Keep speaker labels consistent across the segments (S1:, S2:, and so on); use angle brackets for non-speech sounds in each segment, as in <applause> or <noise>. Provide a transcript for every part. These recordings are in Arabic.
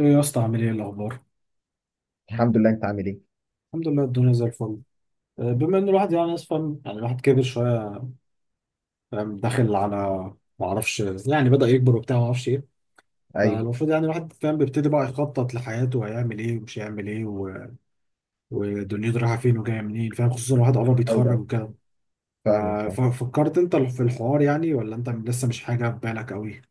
S1: ايه يا اسطى، عامل ايه؟ الاخبار؟
S2: الحمد لله. انت عامل ايه؟
S1: الحمد لله، الدنيا زي الفل. بما ان الواحد ناس فاهم، الواحد كبر شويه، فاهم؟ داخل على، ما اعرفش، يعني بدأ يكبر وبتاع، ما اعرفش ايه.
S2: ايوه،
S1: فالمفروض يعني الواحد، فاهم، بيبتدي بقى يخطط لحياته وهيعمل ايه ومش هيعمل ايه ودنيته رايحه فين وجايه منين، فاهم؟ خصوصا الواحد قرب
S2: ايوه،
S1: يتخرج
S2: أيوة.
S1: وكده. ف...
S2: فاهمك، فاهم.
S1: ففكرت انت في الحوار يعني؟ ولا انت لسه مش حاجه في بالك قوي؟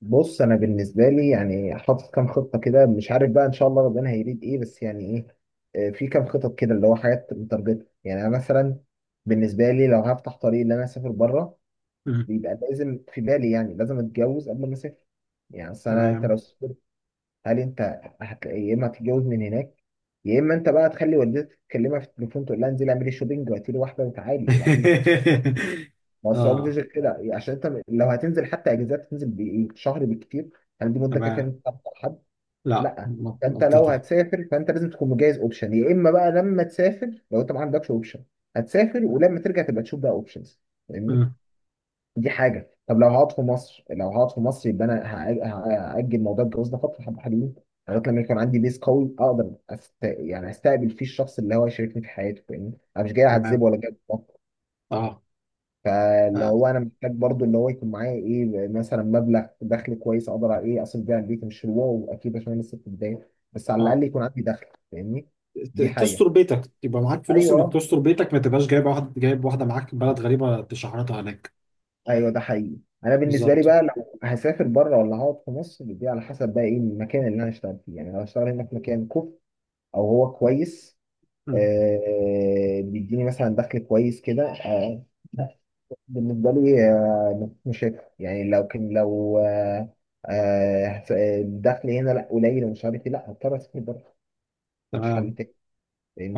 S2: بص، انا بالنسبه لي يعني حاطط كام خطه كده، مش عارف بقى ان شاء الله ربنا هيريد ايه، بس يعني ايه، في كام خطط كده اللي هو حاجات متارجته، يعني انا مثلا بالنسبه لي لو هفتح طريق ان انا اسافر بره،
S1: مم.
S2: بيبقى لازم في بالي يعني لازم اتجوز قبل ما اسافر. يعني اصل انت لو
S1: تمام.
S2: سافرت، هل انت يا اما هتتجوز من هناك، يا اما انت بقى تخلي والدتك تكلمها في التليفون تقول لها انزلي اعملي شوبينج وهاتيلي واحده وتعالي، وبعديها
S1: <laughs>
S2: ما هو مفيش
S1: اه.
S2: غير كده يعني، عشان انت لو هتنزل حتى اجازات تنزل بايه شهر بالكتير. هل دي مده كافيه ان
S1: تمام.
S2: انت تعرف حد؟
S1: لا.
S2: لا. فانت لو
S1: منطقي.
S2: هتسافر فانت لازم تكون مجهز اوبشن، يا اما بقى لما تسافر لو انت ما عندكش اوبشن هتسافر ولما ترجع تبقى تشوف بقى اوبشنز. فاهمني؟
S1: مم.
S2: دي حاجه. طب لو هقعد في مصر، لو هقعد في مصر يبقى انا هاجل موضوع الجواز ده فتره حبه حلوين، لغايه لما يكون عندي بيس قوي اقدر يعني استقبل فيه الشخص اللي هو هيشاركني في حياته. فاهمني؟ انا مش جاي اعذبه
S1: تمام.
S2: ولا جاي.
S1: اه.
S2: فاللي هو انا محتاج برضو اللي هو يكون معايا ايه، مثلا مبلغ دخل كويس اقدر ايه اصرف بيه على البيت، مش الواو اكيد عشان انا لسه في البدايه، بس على
S1: اه.
S2: الاقل يكون عندي دخل. فاهمني؟ دي
S1: تستر
S2: حاجه.
S1: بيتك، يبقى معاك فلوس انك
S2: ايوه
S1: تستر بيتك، ما تبقاش جايب واحد، جايب واحده معاك بلد غريبه تشحرطها هناك.
S2: ايوه ده حقيقي. انا بالنسبه لي
S1: بالظبط.
S2: بقى لو هسافر بره ولا هقعد في مصر دي على حسب بقى ايه المكان اللي انا هشتغل فيه. يعني لو هشتغل هنا في مكان كوف او هو كويس،
S1: مم.
S2: بيديني مثلا دخل كويس كده، بالنسبة لي. مش هيك. يعني لو كان، لو الدخل هنا لا قليل ومش عارف ايه، لا هضطر اسافر بره. مفيش حل
S1: تمام.
S2: تاني.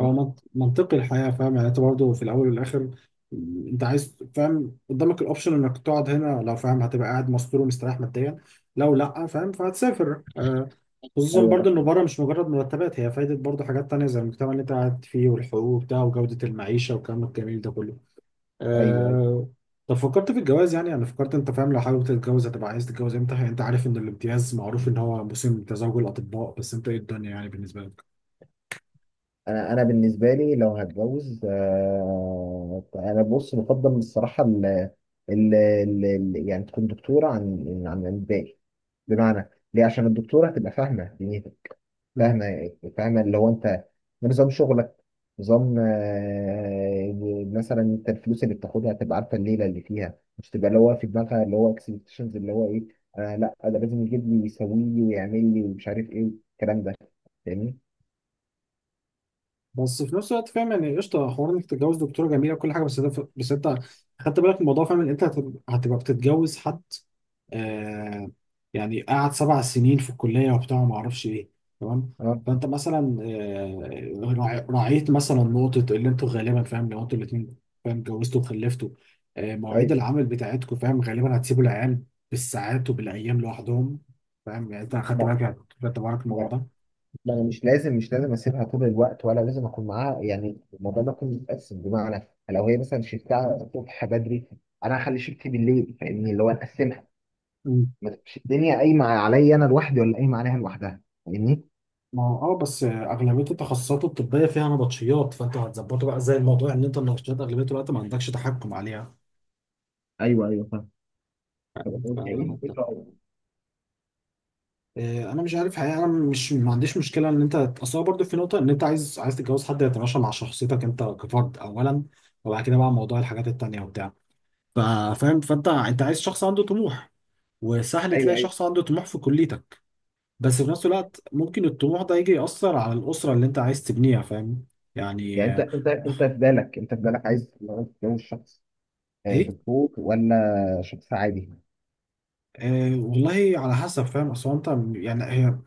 S1: هو منطقي الحياه، فاهم يعني؟ انت برضه في الاول والاخر، مم، انت عايز، فاهم، قدامك الاوبشن انك تقعد هنا، لو فاهم هتبقى قاعد مستور ومستريح ماديا، لو لا فاهم فهتسافر. خصوصا
S2: ايوه ده
S1: برضه انه
S2: حقيقي.
S1: بره مش مجرد مرتبات هي فايده، برضه حاجات تانية زي المجتمع اللي انت قاعد فيه والحقوق بتاعه وجوده المعيشه والكلام الجميل ده كله.
S2: ايوه ايوه.
S1: آه... طب فكرت في الجواز يعني؟ انا فكرت، انت فاهم، لو حابب تتجوز هتبقى عايز تتجوز امتى؟ يعني انت عارف ان الامتياز معروف ان هو موسم تزاوج الاطباء، بس انت ايه الدنيا يعني بالنسبه لك؟
S2: انا بالنسبه لي لو هتجوز، انا بص بفضل الصراحه يعني تكون دكتوره عن عن الباقي. بمعنى ليه؟ عشان الدكتوره هتبقى فاهمه دنيتك. فاهمة. فاهمة اللي هو انت ده نظام شغلك. نظام، مثلا انت الفلوس اللي بتاخدها تبقى عارفة الليلة اللي فيها، مش تبقى اللي هو في دماغها اللي هو اكسبكتيشنز اللي هو ايه، لا ده لازم يجيب لي يسوي لي ويعمل لي ومش عارف ايه الكلام ده. فاهمني؟
S1: بس في نفس الوقت فاهم، يعني قشطه حوار انك تتجوز دكتوره جميله وكل حاجه، بس ده بس انت خدت بالك من الموضوع؟ فاهم ان انت هتبقى بتتجوز حد. آه. يعني قعد 7 سنين في الكليه وبتاع، ما اعرفش ايه. تمام.
S2: اه.
S1: فانت مثلا، آه، راعيت مثلا نقطه اللي انتوا غالبا، فاهم، لو انتوا الاثنين فاهم اتجوزتوا وخلفتوا، آه مواعيد
S2: طيب،
S1: العمل بتاعتكم، فاهم، غالبا هتسيبوا العيال بالساعات وبالايام لوحدهم، فاهم؟ يعني انت خدت
S2: ما
S1: بالك يعني، خدت بالك من
S2: ما-
S1: الموضوع
S2: ما انا مش لازم، مش لازم اسيبها طول الوقت ولا لازم اكون معاها. يعني الموضوع ده كله متقسم. بمعنى لو هي مثلا شفتها الصبح بدري، انا هخلي شفتي بالليل. فاهمني؟ اللي هو اقسمها،
S1: ده؟
S2: ما تبقاش الدنيا قايمه عليا انا لوحدي ولا قايمه عليها لوحدها. فاهمني؟
S1: ما هو اه، بس اغلبيه التخصصات الطبيه فيها نبطشيات، فانت هتظبطه بقى زي الموضوع ان انت النبطشيات اغلبيه الوقت ما عندكش تحكم عليها،
S2: ايوه ايوه فاهم. طب
S1: يعني.
S2: أنت إيه
S1: فحتى،
S2: الفكرة؟
S1: انا مش عارف حقيقه، انا مش، ما عنديش مشكله ان انت، اصل هو برضه في نقطه ان انت عايز تتجوز حد يتماشى مع شخصيتك انت كفرد اولا، وبعد كده بقى موضوع الحاجات التانيه وبتاع. ف- فاهم، فانت انت عايز شخص عنده طموح، وسهل
S2: ايوه
S1: تلاقي
S2: ايوه.
S1: شخص عنده طموح في كليتك، بس في نفس الوقت ممكن الطموح ده يجي يأثر على الأسرة اللي انت عايز تبنيها، فاهم
S2: يعني
S1: يعني؟
S2: انت انت انت في بالك، عايز لو تتجوز شخص،
S1: ايه،
S2: دكتور ولا شخص عادي؟
S1: أه والله على حسب، فاهم، اصل هو، انت يعني هي،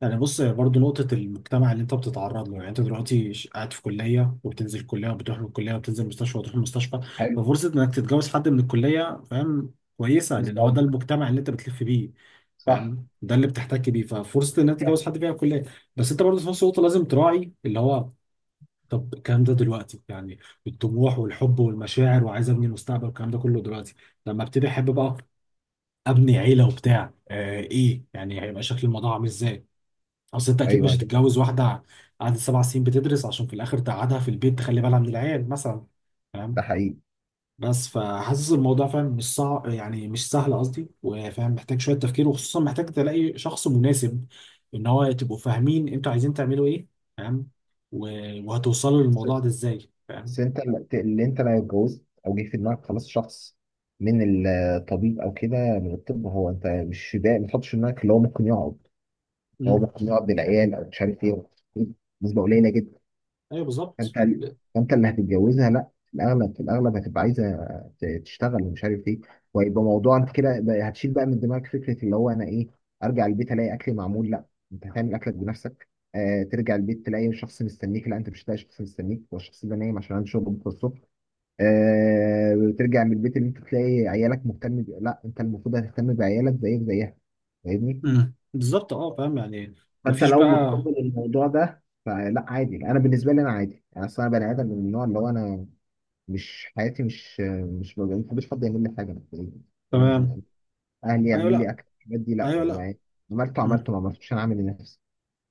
S1: يعني بص هي برضه نقطة المجتمع اللي انت بتتعرض له. يعني انت دلوقتي قاعد في كلية وبتنزل كلية، وبتروح من الكلية وبتنزل مستشفى وتروح المستشفى،
S2: حلو.
S1: ففرصة انك تتجوز حد من الكلية، فاهم، كويسة،
S2: بس
S1: لان هو ده
S2: قصدي.
S1: المجتمع اللي انت بتلف بيه،
S2: صح.
S1: فاهم، ده اللي بتحتك بيه، ففرصة انك
S2: كده.
S1: تتجوز حد فيها الكلية. بس انت برضه في نفس الوقت لازم تراعي اللي هو، طب الكلام ده دلوقتي يعني، الطموح والحب والمشاعر وعايز ابني مستقبل والكلام ده كله، دلوقتي لما ابتدي احب بقى، ابني عيله وبتاع، آه ايه، يعني هيبقى شكل الموضوع عامل ازاي؟ اصل انت اكيد
S2: ايوه
S1: مش
S2: ايوه
S1: هتتجوز واحده قعدت سبع سنين بتدرس عشان في الاخر تقعدها في البيت تخلي بالها من العيال مثلا،
S2: ده
S1: فاهم.
S2: حقيقي.
S1: بس فحاسس الموضوع، فاهم، مش صعب يعني، مش سهل قصدي، وفاهم محتاج شويه تفكير، وخصوصا محتاج تلاقي شخص مناسب، ان هو تبقوا فاهمين انتوا عايزين تعملوا ايه، فاهم، وهتوصلوا
S2: بس
S1: للموضوع ده ازاي،
S2: بس
S1: فاهم.
S2: انت اللي انت لو اتجوزت او جه في دماغك خلاص شخص من الطبيب او كده من الطب، هو انت مش ده، ما تحطش في دماغك اللي هو ممكن يقعد، هو
S1: امم.
S2: ممكن يقعد بالعيال او مش عارف ايه. نسبه قليله.
S1: ايوه
S2: فانت
S1: بالظبط.
S2: فانت اللي هتتجوزها لا، في الاغلب في الاغلب هتبقى عايزه تشتغل ومش عارف ايه. وهيبقى موضوع انت كده هتشيل بقى من دماغك فكره اللي هو انا ايه، ارجع البيت الاقي اكلي معمول؟ لا، انت هتعمل اكلك بنفسك. آه ترجع البيت تلاقي شخص مستنيك؟ لا، انت مش هتلاقي شخص مستنيك، هو الشخص ده نايم عشان عنده شغل بكره الصبح. آه ترجع من البيت اللي انت تلاقي عيالك مهتم لا انت المفروض هتهتم بعيالك زيك زيها. فاهمني؟
S1: بالظبط، اه فاهم يعني.
S2: فانت
S1: مفيش
S2: لو
S1: بقى.
S2: متقبل الموضوع ده فلا عادي. انا بالنسبه لي انا عادي، انا اصلا بني ادم من النوع اللي هو انا، مش حياتي، مش ما بحبش حد يعمل لي حاجه مبدئيا. هو أنا-
S1: تمام.
S2: اهلي
S1: ايوه
S2: يعملوا
S1: لا.
S2: لي اكل، الحاجات دي لا،
S1: ايوه لا.
S2: عملته
S1: مم.
S2: عملته، ما عملتوش انا عامل لنفسي.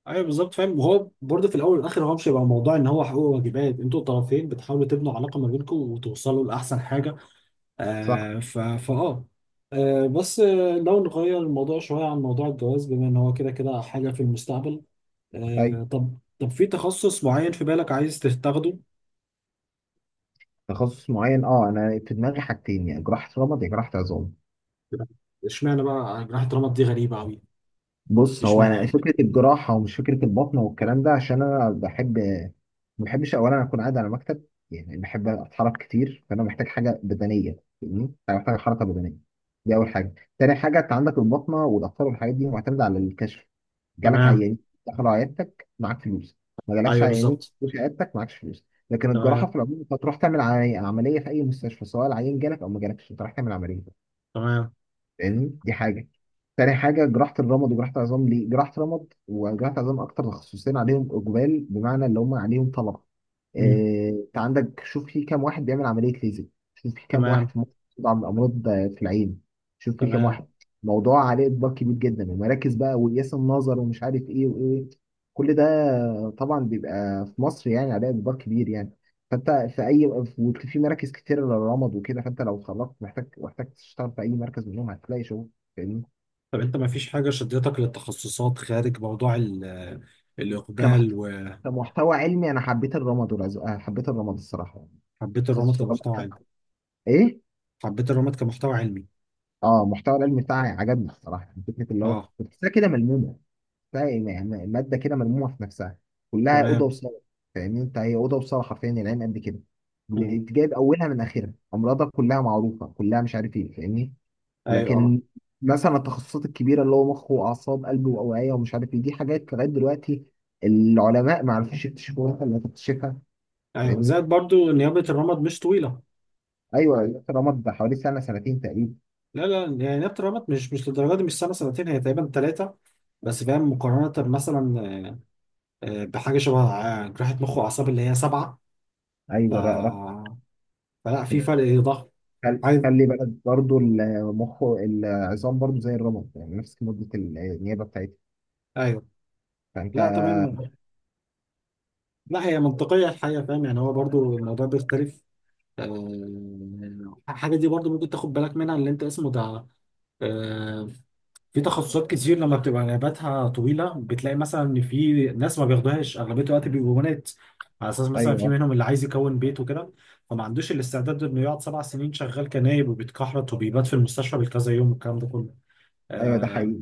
S1: ايوه بالظبط، فاهم. وهو برضه في الاول والاخر هو مش هيبقى موضوع ان هو حقوق وواجبات، انتوا الطرفين بتحاولوا تبنوا علاقه ما بينكم وتوصلوا لاحسن حاجه.
S2: صح.
S1: آه ف فاه آه بس آه لو نغير الموضوع شويه عن موضوع الجواز، بما ان هو كده كده حاجه في المستقبل.
S2: اي.
S1: طب في تخصص معين في بالك عايز تاخده؟
S2: تخصص معين، اه انا في دماغي حاجتين، يا جراحه رمد يا جراحه عظام.
S1: اشمعنى بقى جراحه رمد؟ دي غريبه قوي.
S2: بص، هو انا
S1: اشمعنى؟
S2: فكره الجراحه ومش فكره البطن والكلام ده، عشان انا بحب، ما بحبش اولا اكون قاعد على مكتب، يعني بحب اتحرك كتير، فانا محتاج حاجه بدنيه. فاهمني؟ انا محتاج حركه بدنيه. دي اول حاجه. تاني حاجه، انت عندك البطنه والاطفال والحاجات دي معتمده على الكشف. جالك
S1: تمام.
S2: عيانين دخلوا عيادتك معاك فلوس، ما جالكش
S1: ايوه
S2: عيانين
S1: بالظبط.
S2: مش عيادتك معاكش فلوس. لكن الجراحه
S1: تمام.
S2: في العموم، انت هتروح تعمل عمليه، عملية في اي مستشفى، سواء العيان جالك او ما جالكش انت رايح تعمل عمليه.
S1: تمام.
S2: فاهمني؟ دي حاجه. تاني حاجه، جراحه الرمد وجراحه العظام، ليه جراحه رمد وجراحه عظام؟ اكتر تخصصين عليهم اقبال، بمعنى اللي هم عليهم طلب.
S1: مم.
S2: انت عندك، شوف في كام واحد بيعمل عمليه ليزر، شوف في كام واحد
S1: تمام.
S2: في مصر بيطلع امراض في العين، شوف في كام
S1: تمام.
S2: واحد. موضوع عليه اقبال كبير جدا، المراكز بقى وقياس النظر ومش عارف ايه وايه، كل ده طبعا بيبقى في مصر يعني عليه اقبال كبير يعني. فانت في اي، وفي مراكز كتير للرمض وكده، فانت لو اتخرجت محتاج، محتاج تشتغل في اي مركز منهم هتلاقي شغل. فاهمني؟
S1: طب انت ما فيش حاجة شدتك للتخصصات خارج موضوع
S2: كمحت...
S1: الإقبال؟
S2: كمحتوى علمي، انا حبيت الرمض والعز... آه، حبيت الرمض الصراحه يعني.
S1: وحبيت الرمد
S2: تخصص الرمض
S1: كمحتوى
S2: كان
S1: علمي؟
S2: ايه.
S1: حبيت الرمد كمحتوى علمي.
S2: اه، المحتوى العلمي بتاعي عجبني الصراحه، يعني فكره اللي هو
S1: اه.
S2: بتحسها كده ملمومه، بتحسها يعني الماده كده ملمومه في نفسها، كلها اوضه
S1: تمام.
S2: وصاله. فاهمني؟ انت هي اوضه وصاله حرفيا، العين قد كده،
S1: مم.
S2: جايب اولها من اخرها، امراضها كلها معروفه كلها، مش عارف ايه، فاهمني.
S1: ايوه اه.
S2: لكن مثلا التخصصات الكبيره اللي هو مخ واعصاب، قلب واوعيه، ومش عارف ايه، دي حاجات لغايه دلوقتي العلماء ما عرفوش يكتشفوها اللي تكتشفها.
S1: ايوه
S2: فاهمني؟
S1: زائد برضو نيابة الرمد مش طويلة.
S2: ايوه، رمض ده حوالي سنه سنتين تقريبا.
S1: لا لا يعني نيابة الرمد مش، مش للدرجة دي، مش سنة سنتين، هي تقريبا 3. بس فاهم، مقارنة مثلا بحاجة شبه، جراحة مخ وأعصاب اللي هي 7. ف...
S2: ايوه،
S1: فلا في فرق ضخم. عايز.
S2: خلي بالك برضه، المخ العظام برضه زي الرمد يعني نفس مده النيابه بتاعتها.
S1: ايوه.
S2: فانت،
S1: لا تمام. لا هي منطقية الحقيقة، فاهم يعني، هو برضو الموضوع بيختلف. حاجة دي برضو ممكن تاخد بالك منها، اللي انت اسمه ده، آه، في تخصصات كتير لما بتبقى نوباتها طويلة بتلاقي مثلا ان في ناس ما بياخدوهاش، اغلبية الوقت بيبقوا بنات، على اساس مثلا في
S2: ايوه
S1: منهم اللي عايز يكون بيت وكده، فما عندوش الاستعداد انه يقعد 7 سنين شغال كنايب وبيتكحرت وبيبات في المستشفى بالكذا يوم والكلام ده كله.
S2: ايوه ده
S1: آه،
S2: حقيقي.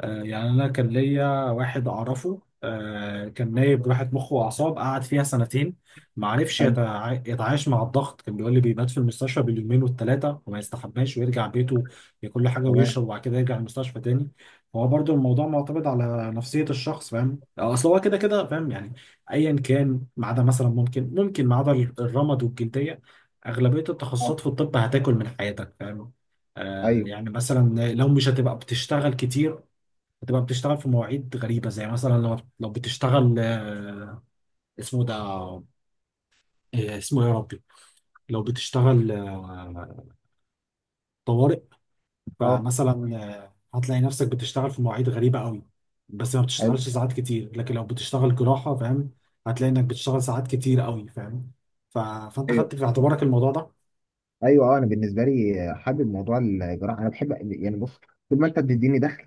S1: يعني انا كان ليا واحد اعرفه، كان نايب راحة مخ واعصاب، قعد فيها سنتين ما عرفش
S2: حلو.
S1: يتعايش مع الضغط، كان بيقول لي بيبات في المستشفى باليومين والثلاثه وما يستحماش، ويرجع بيته ياكل له حاجه
S2: تمام.
S1: ويشرب وبعد كده يرجع المستشفى تاني. هو برضو الموضوع معتمد على نفسيه الشخص، فاهم، اصل هو كده كده، فاهم يعني، ايا كان، ما عدا مثلا، ممكن ما عدا الرمد والجلديه، اغلبيه
S2: آه.
S1: التخصصات في الطب هتاكل من حياتك، فاهم.
S2: ايوه
S1: يعني مثلا لو مش هتبقى بتشتغل كتير، بتبقى بتشتغل في مواعيد غريبة زي مثلا لو بتشتغل، اسمه ده، اسمه إيه يا ربي؟ لو بتشتغل، طوارئ.
S2: اه.
S1: فمثلا، هتلاقي نفسك بتشتغل في مواعيد غريبة قوي، بس ما
S2: حلو.
S1: بتشتغلش ساعات كتير. لكن لو بتشتغل جراحة، فاهم، هتلاقي انك بتشتغل ساعات كتير قوي، فاهم. فانت
S2: ايوه
S1: خدت في اعتبارك الموضوع ده؟
S2: ايوه اه انا بالنسبه لي حابب موضوع الجراحه، انا بحب يعني. بص، طول ما انت بتديني دخل،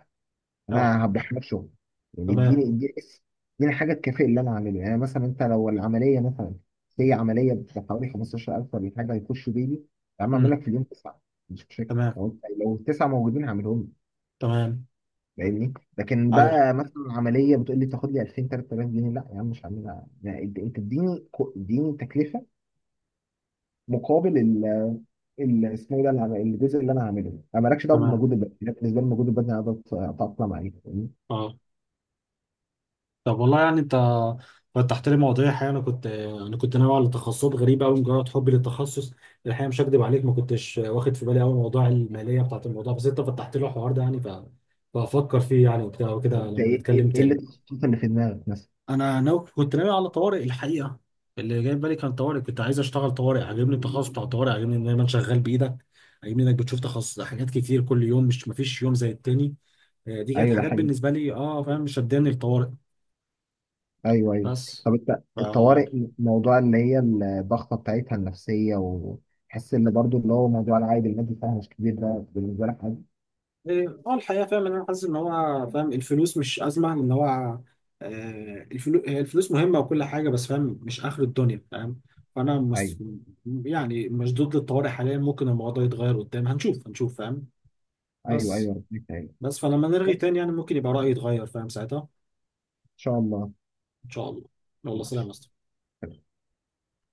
S1: اه.
S2: انا هبدأ نفسه. يعني
S1: تمام.
S2: اديني حاجه تكافئ اللي انا عامله. يعني مثلا انت لو العمليه، مثلا هي عمليه بحوالي 15000 ولا حاجه، هيخشوا بيلي يا عم اعمل
S1: امم.
S2: لك في اليوم تسعه، مش مشاكل.
S1: تمام.
S2: لو انت، لو التسعه موجودين هعملهم لك.
S1: تمام.
S2: فاهمني؟ لكن
S1: ايوه.
S2: بقى مثلا عمليه بتقول لي تاخد لي 2000 3000 جنيه، لا يا عم مش هعملها. يعني انت، اديني اديني تكلفه مقابل اسمه ايه ده، الجزء اللي انا هعمله. انا مالكش دعوه
S1: تمام.
S2: بالمجهود البدني، أنا بالنسبه لي المجهود البدني انا بتاقلم عليه.
S1: اه. طب والله يعني انت فتحت لي مواضيع الحقيقه، انا كنت ناوي على تخصصات غريبه قوي مجرد حبي للتخصص. الحقيقه مش هكدب عليك، ما كنتش واخد في بالي قوي موضوع الماليه بتاعت الموضوع، بس انت فتحت لي الحوار ده يعني. فافكر فيه يعني وبتاع وكده
S2: انت
S1: لما
S2: ايه،
S1: نتكلم
S2: إيه اللي
S1: تاني.
S2: التخصصات اللي في دماغك مثلا؟
S1: انا ناوي، كنت ناوي على طوارئ الحقيقه، اللي جاي في بالي كان طوارئ. كنت عايز اشتغل طوارئ، عاجبني التخصص بتاع الطوارئ، عاجبني ان دايما شغال بايدك، عاجبني انك بتشوف تخصص حاجات كتير كل يوم، مش مفيش يوم زي التاني. دي كانت
S2: ايوه ده
S1: حاجات
S2: حقيقي.
S1: بالنسبه لي، اه فاهم، شداني الطوارئ.
S2: ايوه ايوه.
S1: بس،
S2: طب انت الطوارئ، موضوع اللي هي الضغطه بتاعتها النفسيه، وحس ان برضو اللي هو موضوع العائد المادي بتاعها مش كبير، ده بالنسبه لك عادي؟
S1: إيه، اه الحقيقة فاهم ان انا حاسس ان هو، فاهم، الفلوس مش أزمة، ان هو، هي الفلوس مهمة وكل حاجة، بس فاهم مش آخر الدنيا، فاهم. فأنا
S2: ايوه
S1: مس... يعني مش ضد الطوارئ حاليا، ممكن الموضوع يتغير قدام، هنشوف هنشوف، فاهم.
S2: ايوه ايوه
S1: بس،
S2: ربنا يكرمك.
S1: بس فلما نرغي
S2: بس
S1: تاني يعني ممكن يبقى رأيي يتغير فاهم ساعتها.
S2: ان شاء الله.
S1: إن شاء الله. يلا، سلام يا
S2: ماشي.
S1: أسطى.